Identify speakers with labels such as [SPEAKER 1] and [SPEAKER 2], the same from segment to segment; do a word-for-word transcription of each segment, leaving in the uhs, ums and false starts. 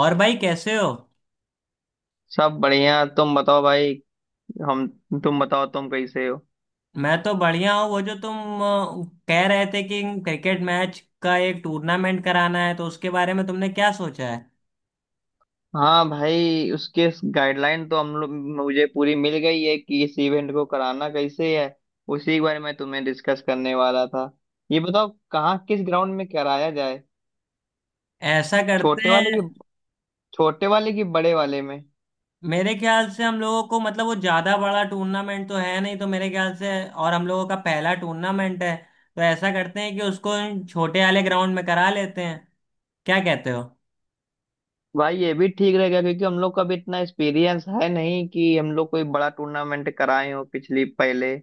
[SPEAKER 1] और भाई कैसे हो?
[SPEAKER 2] सब बढ़िया। तुम बताओ भाई। हम तुम बताओ, तुम कैसे हो?
[SPEAKER 1] मैं तो बढ़िया हूँ। वो जो तुम अ, कह रहे थे कि क्रिकेट मैच का एक टूर्नामेंट कराना है, तो उसके बारे में तुमने क्या सोचा है?
[SPEAKER 2] हाँ भाई, उसके गाइडलाइन तो हम लोग, मुझे पूरी मिल गई है कि इस इवेंट को कराना कैसे है। उसी के बारे में तुम्हें डिस्कस करने वाला था। ये बताओ कहाँ, किस ग्राउंड में कराया जाए?
[SPEAKER 1] ऐसा करते
[SPEAKER 2] छोटे वाले की
[SPEAKER 1] हैं।
[SPEAKER 2] छोटे वाले की बड़े वाले में?
[SPEAKER 1] मेरे ख्याल से हम लोगों को, मतलब, वो ज्यादा बड़ा टूर्नामेंट तो है नहीं, तो मेरे ख्याल से, और हम लोगों का पहला टूर्नामेंट है। तो ऐसा करते हैं कि उसको छोटे वाले ग्राउंड में करा लेते हैं। क्या कहते हो?
[SPEAKER 2] भाई ये भी ठीक रहेगा, क्योंकि हम लोग का भी इतना एक्सपीरियंस है नहीं कि हम लोग कोई बड़ा टूर्नामेंट कराए हो पिछली पहले।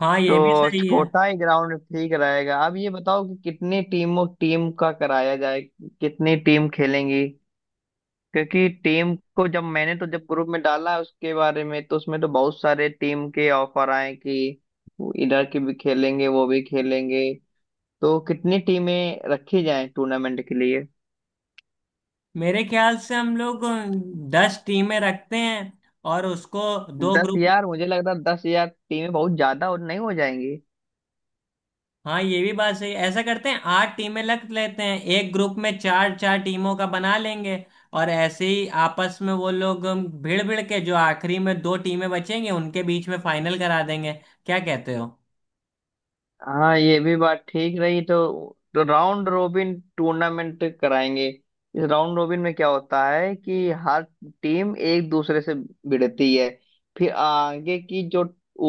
[SPEAKER 1] हाँ,
[SPEAKER 2] तो
[SPEAKER 1] ये भी सही है।
[SPEAKER 2] छोटा ही ग्राउंड ठीक रहेगा। अब ये बताओ कि कितनी टीमों टीम का कराया जाए, कितनी टीम खेलेंगी? क्योंकि टीम को, जब मैंने तो जब ग्रुप में डाला उसके बारे में, तो उसमें तो बहुत सारे टीम के ऑफर आए कि वो इधर के भी खेलेंगे, वो भी खेलेंगे। तो कितनी टीमें रखी जाएं टूर्नामेंट के लिए?
[SPEAKER 1] मेरे ख्याल से हम लोग दस टीमें रखते हैं, और उसको दो
[SPEAKER 2] दस?
[SPEAKER 1] ग्रुप।
[SPEAKER 2] यार मुझे लग रहा है दस यार टीमें बहुत ज्यादा और नहीं हो जाएंगी।
[SPEAKER 1] हाँ, ये भी बात सही है। ऐसा करते हैं, आठ टीमें रख लेते हैं, एक ग्रुप में चार चार टीमों का बना लेंगे। और ऐसे ही आपस में वो लोग भिड़ भिड़ के, जो आखिरी में दो टीमें बचेंगी, उनके बीच में फाइनल करा देंगे। क्या कहते हो?
[SPEAKER 2] हाँ ये भी बात ठीक रही। तो, तो राउंड रोबिन टूर्नामेंट कराएंगे। इस राउंड रोबिन में क्या होता है कि हर टीम एक दूसरे से भिड़ती है। फिर आगे की जो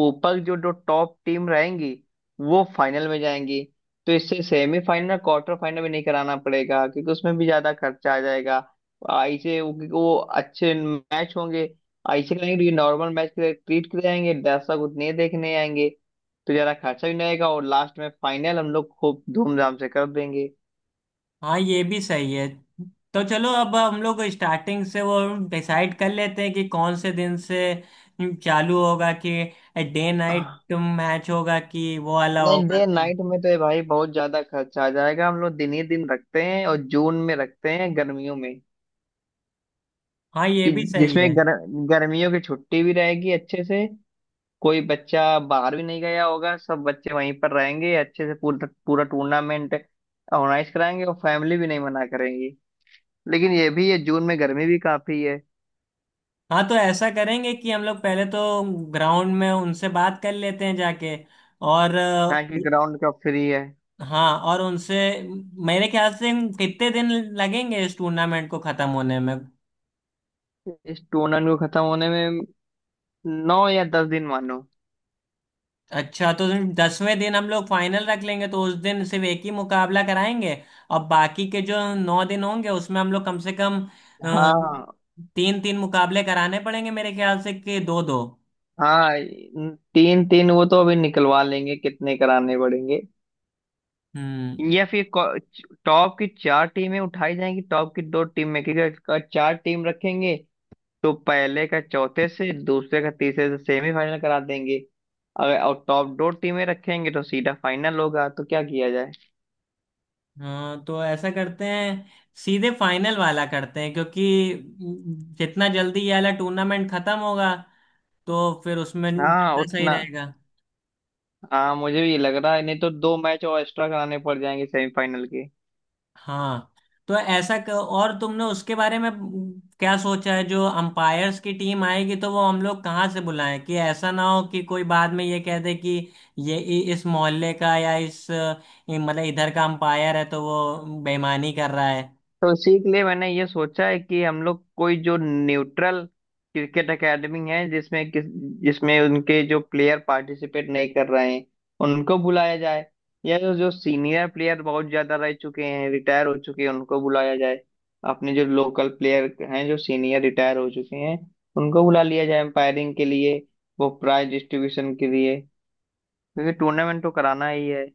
[SPEAKER 2] ऊपर जो जो टॉप टीम रहेंगी वो फाइनल में जाएंगी। तो इससे सेमीफाइनल क्वार्टर फाइनल भी नहीं कराना पड़ेगा, क्योंकि उसमें भी ज्यादा खर्चा आ जाएगा। ऐसे वो, क्योंकि वो अच्छे मैच होंगे। ऐसे करेंगे, नॉर्मल मैच ट्रीट कराएंगे, दर्शक उतने देखने आएंगे। तो ज्यादा खर्चा भी नहीं आएगा और लास्ट में फाइनल हम लोग खूब धूमधाम से कर देंगे।
[SPEAKER 1] हाँ, ये भी सही है। तो चलो, अब हम लोग स्टार्टिंग से वो डिसाइड कर लेते हैं कि कौन से दिन से चालू होगा, कि डे नाइट
[SPEAKER 2] आह,
[SPEAKER 1] मैच होगा कि वो वाला
[SPEAKER 2] नहीं,
[SPEAKER 1] होगा,
[SPEAKER 2] डे
[SPEAKER 1] तो।
[SPEAKER 2] नाइट में तो ये भाई बहुत ज्यादा खर्चा आ जाएगा। हम लोग दिन ही दिन रखते हैं और जून में रखते हैं, गर्मियों में।
[SPEAKER 1] हाँ, ये
[SPEAKER 2] कि
[SPEAKER 1] भी सही है।
[SPEAKER 2] जिसमें गर, गर्मियों की छुट्टी भी रहेगी अच्छे से। कोई बच्चा बाहर भी नहीं गया होगा, सब बच्चे वहीं पर रहेंगे, अच्छे से पूरा पूरा टूर्नामेंट ऑर्गेनाइज कराएंगे, और फैमिली भी नहीं मना करेंगी। लेकिन ये भी है, जून में गर्मी भी काफी है।
[SPEAKER 1] हाँ, तो ऐसा करेंगे कि हम लोग पहले तो ग्राउंड में उनसे बात कर लेते हैं जाके, और
[SPEAKER 2] हाँ,
[SPEAKER 1] अ,
[SPEAKER 2] कि ग्राउंड का फ्री है।
[SPEAKER 1] हाँ और उनसे, मेरे ख्याल से, कितने दिन लगेंगे इस टूर्नामेंट को खत्म होने में?
[SPEAKER 2] इस टूर्नामेंट को खत्म होने में नौ या दस दिन मानो।
[SPEAKER 1] अच्छा, तो दसवें दिन हम लोग फाइनल रख लेंगे, तो उस दिन सिर्फ एक ही मुकाबला कराएंगे। और बाकी के जो नौ दिन होंगे, उसमें हम लोग कम से कम
[SPEAKER 2] हाँ।
[SPEAKER 1] तीन तीन मुकाबले कराने पड़ेंगे, मेरे ख्याल से, कि दो दो।
[SPEAKER 2] हाँ, तीन तीन वो तो अभी निकलवा लेंगे कितने कराने पड़ेंगे।
[SPEAKER 1] हम्म।
[SPEAKER 2] या फिर को- टॉप की चार टीमें उठाई जाएंगी, टॉप की दो टीम में, क्योंकि अगर चार टीम रखेंगे तो पहले का चौथे से, दूसरे का तीसरे से सेमीफाइनल करा देंगे। अगर और टॉप दो टीमें रखेंगे तो सीधा फाइनल होगा। तो क्या किया जाए?
[SPEAKER 1] हाँ, तो ऐसा करते हैं, सीधे फाइनल वाला करते हैं, क्योंकि जितना जल्दी ये वाला टूर्नामेंट खत्म होगा, तो फिर उसमें
[SPEAKER 2] हाँ
[SPEAKER 1] ज्यादा सही
[SPEAKER 2] उतना।
[SPEAKER 1] रहेगा।
[SPEAKER 2] हाँ मुझे भी ये लग रहा है, नहीं तो दो मैच और एक्स्ट्रा कराने पड़ जाएंगे सेमीफाइनल के।
[SPEAKER 1] हाँ, तो ऐसा क- और तुमने उसके बारे में क्या सोचा है, जो अंपायर्स की टीम आएगी, तो वो हम लोग कहाँ से बुलाएं, कि ऐसा ना हो कि कोई बाद में ये कह दे कि ये इ- इस मोहल्ले का या इस अ, मतलब इधर का अंपायर है तो वो बेईमानी कर रहा है।
[SPEAKER 2] तो उसी के लिए मैंने ये सोचा है कि हम लोग कोई जो न्यूट्रल क्रिकेट एकेडमी है, जिसमें किस जिसमें उनके जो प्लेयर पार्टिसिपेट नहीं कर रहे हैं उनको बुलाया जाए। या जो जो सीनियर प्लेयर बहुत ज्यादा रह चुके हैं, रिटायर हो चुके हैं, उनको बुलाया जाए। अपने जो लोकल प्लेयर हैं, जो सीनियर रिटायर हो चुके हैं, उनको बुला लिया जाए एम्पायरिंग के लिए, वो प्राइज डिस्ट्रीब्यूशन के लिए। क्योंकि टूर्नामेंट तो कराना ही है।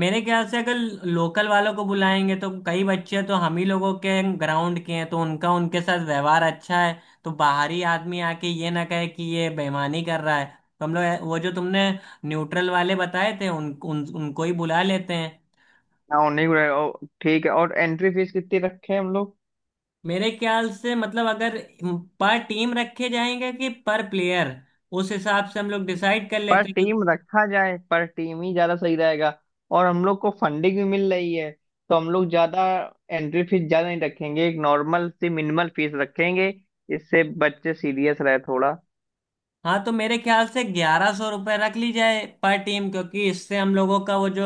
[SPEAKER 1] मेरे ख्याल से, अगर लोकल वालों को बुलाएंगे, तो कई बच्चे तो हम ही लोगों के ग्राउंड के हैं, तो उनका उनके साथ व्यवहार अच्छा है, तो बाहरी आदमी आके ये ना कहे कि ये बेईमानी कर रहा है। तो हम लोग वो जो तुमने न्यूट्रल वाले बताए थे, उन, उन उनको ही बुला लेते हैं।
[SPEAKER 2] हाँ, उन्हीं को। और ठीक है, और एंट्री फीस कितनी रखे हैं हम लोग?
[SPEAKER 1] मेरे ख्याल से, मतलब, अगर पर टीम रखे जाएंगे कि पर प्लेयर, उस हिसाब से हम लोग डिसाइड कर
[SPEAKER 2] पर
[SPEAKER 1] लेते हैं।
[SPEAKER 2] टीम रखा जाए, पर टीम ही ज्यादा सही रहेगा। और हम लोग को फंडिंग भी मिल रही है, तो हम लोग ज्यादा एंट्री फीस ज्यादा नहीं रखेंगे। एक नॉर्मल सी मिनिमल फीस रखेंगे, इससे बच्चे सीरियस रहे थोड़ा।
[SPEAKER 1] हाँ, तो मेरे ख्याल से ग्यारह सौ रुपये रख ली जाए पर टीम, क्योंकि इससे हम लोगों का वो जो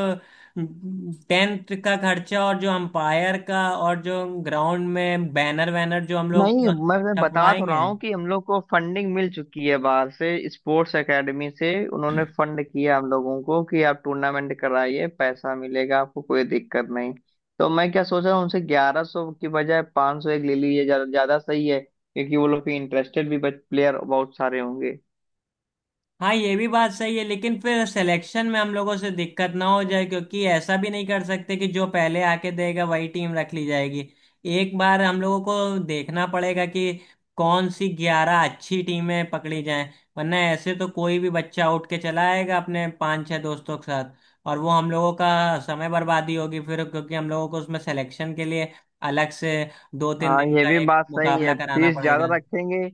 [SPEAKER 1] टेंट का खर्चा, और जो अंपायर का, और जो ग्राउंड में बैनर वैनर जो हम लोग
[SPEAKER 2] नहीं, मैं मैं बता तो रहा
[SPEAKER 1] छपवाएंगे।
[SPEAKER 2] हूँ कि हम लोग को फंडिंग मिल चुकी है, बाहर से स्पोर्ट्स एकेडमी से उन्होंने फंड किया हम लोगों को कि आप टूर्नामेंट कराइए, पैसा मिलेगा, आपको कोई दिक्कत नहीं। तो मैं क्या सोच रहा हूँ, उनसे ग्यारह सौ की बजाय पाँच सौ एक ले लीजिए, ज्यादा ज्यादा सही है, क्योंकि वो लोग के इंटरेस्टेड भी प्लेयर बहुत सारे होंगे।
[SPEAKER 1] हाँ, ये भी बात सही है, लेकिन फिर सिलेक्शन में हम लोगों से दिक्कत ना हो जाए, क्योंकि ऐसा भी नहीं कर सकते कि जो पहले आके देगा वही टीम रख ली जाएगी। एक बार हम लोगों को देखना पड़ेगा कि कौन सी ग्यारह अच्छी टीमें पकड़ी जाएं। वरना ऐसे तो कोई भी बच्चा उठ के चला आएगा अपने पांच छह दोस्तों के साथ। और वो हम लोगों का समय बर्बादी होगी फिर, क्योंकि हम लोगों को उसमें सिलेक्शन के लिए अलग से दो तीन
[SPEAKER 2] हाँ
[SPEAKER 1] दिन
[SPEAKER 2] ये
[SPEAKER 1] का
[SPEAKER 2] भी
[SPEAKER 1] एक
[SPEAKER 2] बात सही है,
[SPEAKER 1] मुकाबला कराना
[SPEAKER 2] फीस ज्यादा
[SPEAKER 1] पड़ेगा।
[SPEAKER 2] रखेंगे।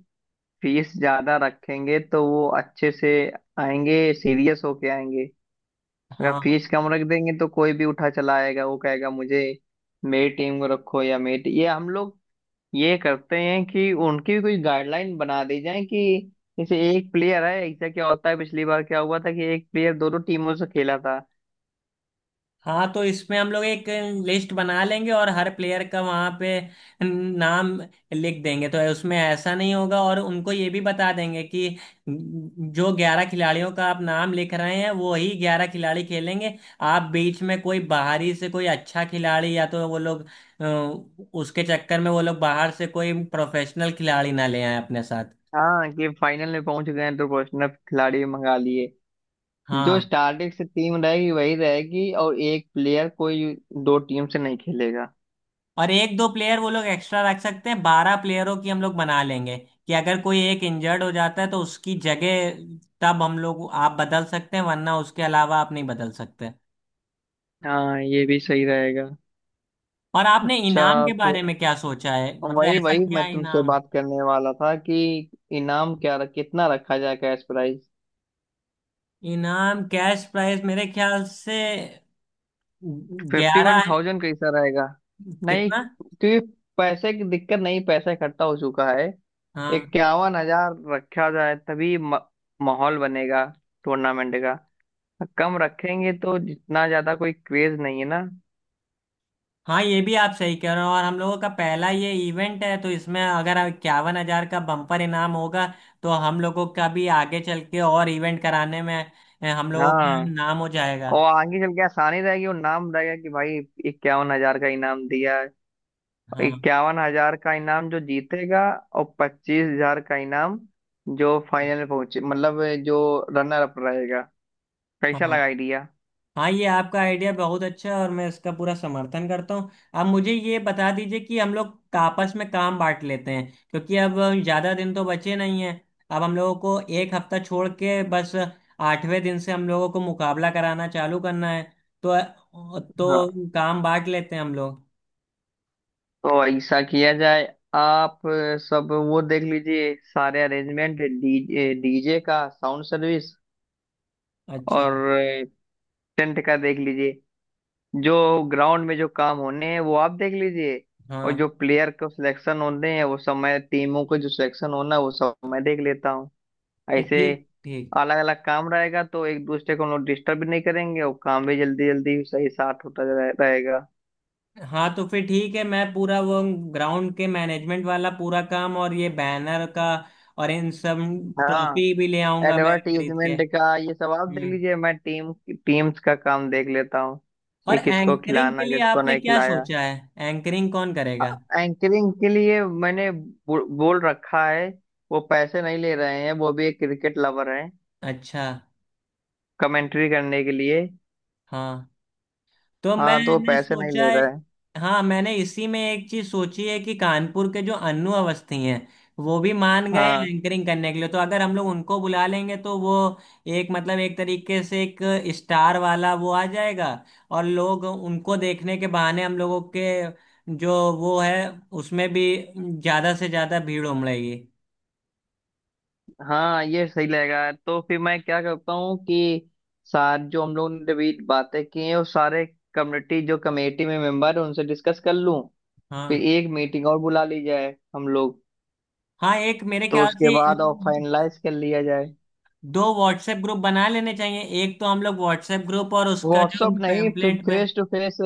[SPEAKER 2] फीस ज्यादा रखेंगे तो वो अच्छे से आएंगे, सीरियस होके आएंगे। अगर
[SPEAKER 1] हाँ,
[SPEAKER 2] फीस कम रख देंगे तो कोई भी उठा चला आएगा, वो कहेगा मुझे मेरी टीम को रखो, या मेरी टी- ये हम लोग ये करते हैं कि उनकी भी कोई गाइडलाइन बना दी जाए कि जैसे एक प्लेयर है, ऐसा क्या होता है, पिछली बार क्या हुआ था कि एक प्लेयर दोनों टीमों से खेला था।
[SPEAKER 1] हाँ। तो इसमें हम लोग एक लिस्ट बना लेंगे और हर प्लेयर का वहाँ पे नाम लिख देंगे, तो उसमें ऐसा नहीं होगा। और उनको ये भी बता देंगे कि जो ग्यारह खिलाड़ियों का आप नाम लिख रहे हैं, वो ही ग्यारह खिलाड़ी खेलेंगे। आप बीच में कोई बाहरी से कोई अच्छा खिलाड़ी, या तो वो लोग, अ, उसके चक्कर में वो लोग बाहर से कोई प्रोफेशनल खिलाड़ी ना ले आए अपने साथ।
[SPEAKER 2] हाँ, कि फाइनल में पहुंच गए हैं तो प्रोफेशनल खिलाड़ी मंगा लिए। जो
[SPEAKER 1] हाँ,
[SPEAKER 2] स्टार्टिंग से टीम रहेगी वही रहेगी, और एक प्लेयर कोई दो टीम से नहीं खेलेगा।
[SPEAKER 1] और एक दो प्लेयर वो लोग एक्स्ट्रा रख सकते हैं, बारह प्लेयरों की हम लोग बना लेंगे। कि अगर कोई एक इंजर्ड हो जाता है, तो उसकी जगह तब हम लोग आप बदल सकते हैं, वरना उसके अलावा आप नहीं बदल सकते।
[SPEAKER 2] हाँ, ये भी सही रहेगा।
[SPEAKER 1] और आपने
[SPEAKER 2] अच्छा,
[SPEAKER 1] इनाम के बारे में क्या सोचा है? मतलब
[SPEAKER 2] वही
[SPEAKER 1] ऐसा
[SPEAKER 2] वही
[SPEAKER 1] क्या
[SPEAKER 2] मैं तुमसे
[SPEAKER 1] इनाम?
[SPEAKER 2] बात करने वाला था कि इनाम क्या रख, कितना रखा जाए, कैश प्राइस?
[SPEAKER 1] इनाम, कैश प्राइस, मेरे ख्याल से
[SPEAKER 2] फिफ्टी वन
[SPEAKER 1] ग्यारह।
[SPEAKER 2] थाउजेंड कैसा रहेगा? नहीं,
[SPEAKER 1] कितना?
[SPEAKER 2] क्योंकि पैसे की दिक्कत नहीं, पैसा इकट्ठा हो चुका है।
[SPEAKER 1] हाँ,
[SPEAKER 2] इक्यावन हजार रखा जाए, तभी म- माहौल बनेगा टूर्नामेंट का। कम रखेंगे तो जितना ज्यादा कोई क्रेज नहीं है ना।
[SPEAKER 1] हाँ, ये भी आप सही कह रहे हो, और हम लोगों का पहला ये इवेंट है, तो इसमें अगर इक्यावन हजार का बम्पर इनाम होगा, तो हम लोगों का भी आगे चल के और इवेंट कराने में, अ, हम लोगों का
[SPEAKER 2] हाँ।
[SPEAKER 1] नाम हो जाएगा।
[SPEAKER 2] और आगे चल के आसानी रहेगी और नाम रहेगा कि भाई इक्यावन हजार का इनाम दिया।
[SPEAKER 1] हाँ,
[SPEAKER 2] इक्यावन हजार का इनाम जो जीतेगा, और पच्चीस हजार का इनाम जो फाइनल में पहुंचे, मतलब जो रनर अप रहेगा।
[SPEAKER 1] हाँ।
[SPEAKER 2] कैसा लगा आइडिया?
[SPEAKER 1] हाँ, ये आपका आइडिया बहुत अच्छा है, और मैं इसका पूरा समर्थन करता हूँ। आप मुझे ये बता दीजिए कि हम लोग का- आपस में काम बांट लेते हैं, क्योंकि अब ज़्यादा दिन तो बचे नहीं हैं। अब हम लोगों को एक हफ्ता छोड़ के बस आठवें दिन से हम लोगों को मुकाबला कराना चालू करना है, तो
[SPEAKER 2] हाँ,
[SPEAKER 1] तो काम बांट लेते हैं हम लोग।
[SPEAKER 2] तो ऐसा किया जाए। आप सब वो देख लीजिए, सारे अरेंजमेंट, डीजे डीजे का साउंड सर्विस
[SPEAKER 1] अच्छा।
[SPEAKER 2] और टेंट का देख लीजिए। जो ग्राउंड में जो काम होने हैं वो आप देख लीजिए। और जो
[SPEAKER 1] हाँ।
[SPEAKER 2] प्लेयर को सिलेक्शन होने हैं वो सब मैं, टीमों को जो सिलेक्शन होना है वो सब मैं देख लेता हूँ। ऐसे
[SPEAKER 1] ठीक, ठीक।
[SPEAKER 2] अलग अलग काम रहेगा तो एक दूसरे को हम लोग डिस्टर्ब भी नहीं करेंगे, और काम भी जल्दी जल्दी सही साथ होता रहे- रहेगा।
[SPEAKER 1] हाँ, तो फिर ठीक है। मैं पूरा वो ग्राउंड के मैनेजमेंट वाला पूरा काम, और ये बैनर का, और इन सब।
[SPEAKER 2] हाँ।
[SPEAKER 1] ट्रॉफी भी ले आऊंगा मैं खरीद के।
[SPEAKER 2] एडवर्टीजमेंट का ये सब आप देख
[SPEAKER 1] हम्म।
[SPEAKER 2] लीजिए, मैं टीम टीम्स का काम देख लेता हूँ।
[SPEAKER 1] और
[SPEAKER 2] ये किसको
[SPEAKER 1] एंकरिंग के
[SPEAKER 2] खिलाना,
[SPEAKER 1] लिए
[SPEAKER 2] किसको
[SPEAKER 1] आपने
[SPEAKER 2] नहीं
[SPEAKER 1] क्या
[SPEAKER 2] खिलाया।
[SPEAKER 1] सोचा है? एंकरिंग कौन करेगा?
[SPEAKER 2] एंकरिंग के लिए मैंने बो, बोल रखा है, वो पैसे नहीं ले रहे हैं, वो भी एक क्रिकेट लवर है,
[SPEAKER 1] अच्छा।
[SPEAKER 2] कमेंट्री करने के लिए।
[SPEAKER 1] हाँ, तो
[SPEAKER 2] हाँ, तो वो
[SPEAKER 1] मैंने
[SPEAKER 2] पैसे नहीं
[SPEAKER 1] सोचा
[SPEAKER 2] ले
[SPEAKER 1] है।
[SPEAKER 2] रहे हैं।
[SPEAKER 1] हाँ, मैंने इसी में एक चीज सोची है कि कानपुर के जो अन्नू अवस्थी हैं, वो भी मान गए हैं
[SPEAKER 2] हाँ।
[SPEAKER 1] एंकरिंग करने के लिए। तो अगर हम लोग उनको बुला लेंगे, तो वो एक मतलब एक तरीके से एक स्टार वाला वो आ जाएगा। और लोग उनको देखने के बहाने हम लोगों के, जो वो है, उसमें भी ज्यादा से ज्यादा भीड़ उमड़ेगी।
[SPEAKER 2] हाँ, ये सही लगेगा। तो फिर मैं क्या करता हूँ कि सार जो हम लोगों ने अभी बातें की हैं वो सारे कम्युनिटी जो कमेटी में मेंबर है उनसे डिस्कस कर लूँ। फिर
[SPEAKER 1] हाँ,
[SPEAKER 2] एक मीटिंग और बुला ली जाए हम लोग,
[SPEAKER 1] हाँ। एक मेरे
[SPEAKER 2] तो
[SPEAKER 1] ख्याल
[SPEAKER 2] उसके
[SPEAKER 1] से
[SPEAKER 2] बाद और फाइनलाइज कर लिया जाए।
[SPEAKER 1] दो व्हाट्सएप ग्रुप बना लेने चाहिए, एक तो हम लोग व्हाट्सएप ग्रुप और उसका जो
[SPEAKER 2] व्हाट्सअप नहीं, फिर
[SPEAKER 1] पैम्पलेट में।
[SPEAKER 2] फेस टू फेस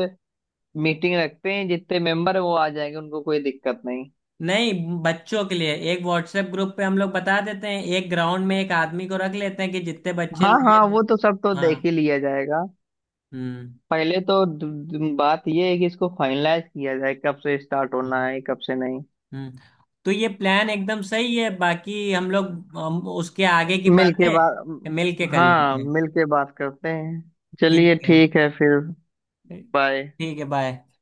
[SPEAKER 2] मीटिंग रखते हैं, जितने मेंबर है वो आ जाएंगे, उनको कोई दिक्कत नहीं।
[SPEAKER 1] नहीं, बच्चों के लिए एक व्हाट्सएप ग्रुप पे हम लोग बता देते हैं, एक ग्राउंड में एक आदमी को रख लेते हैं कि जितने बच्चे
[SPEAKER 2] हाँ हाँ,
[SPEAKER 1] नए।
[SPEAKER 2] वो तो सब तो
[SPEAKER 1] हाँ।
[SPEAKER 2] देख ही लिया जाएगा।
[SPEAKER 1] हम्म।
[SPEAKER 2] पहले तो द- द- बात ये है कि इसको फाइनलाइज किया जाए, कब से स्टार्ट होना
[SPEAKER 1] हम्म।
[SPEAKER 2] है, कब से नहीं।
[SPEAKER 1] हम्म। तो ये प्लान एकदम सही है, बाकी हम लोग हम उसके आगे की
[SPEAKER 2] मिल के बात,
[SPEAKER 1] बातें मिल के कर लेते
[SPEAKER 2] हाँ,
[SPEAKER 1] हैं।
[SPEAKER 2] मिल के बात करते हैं। चलिए
[SPEAKER 1] ठीक है।
[SPEAKER 2] ठीक है फिर। बाय।
[SPEAKER 1] ठीक है, बाय।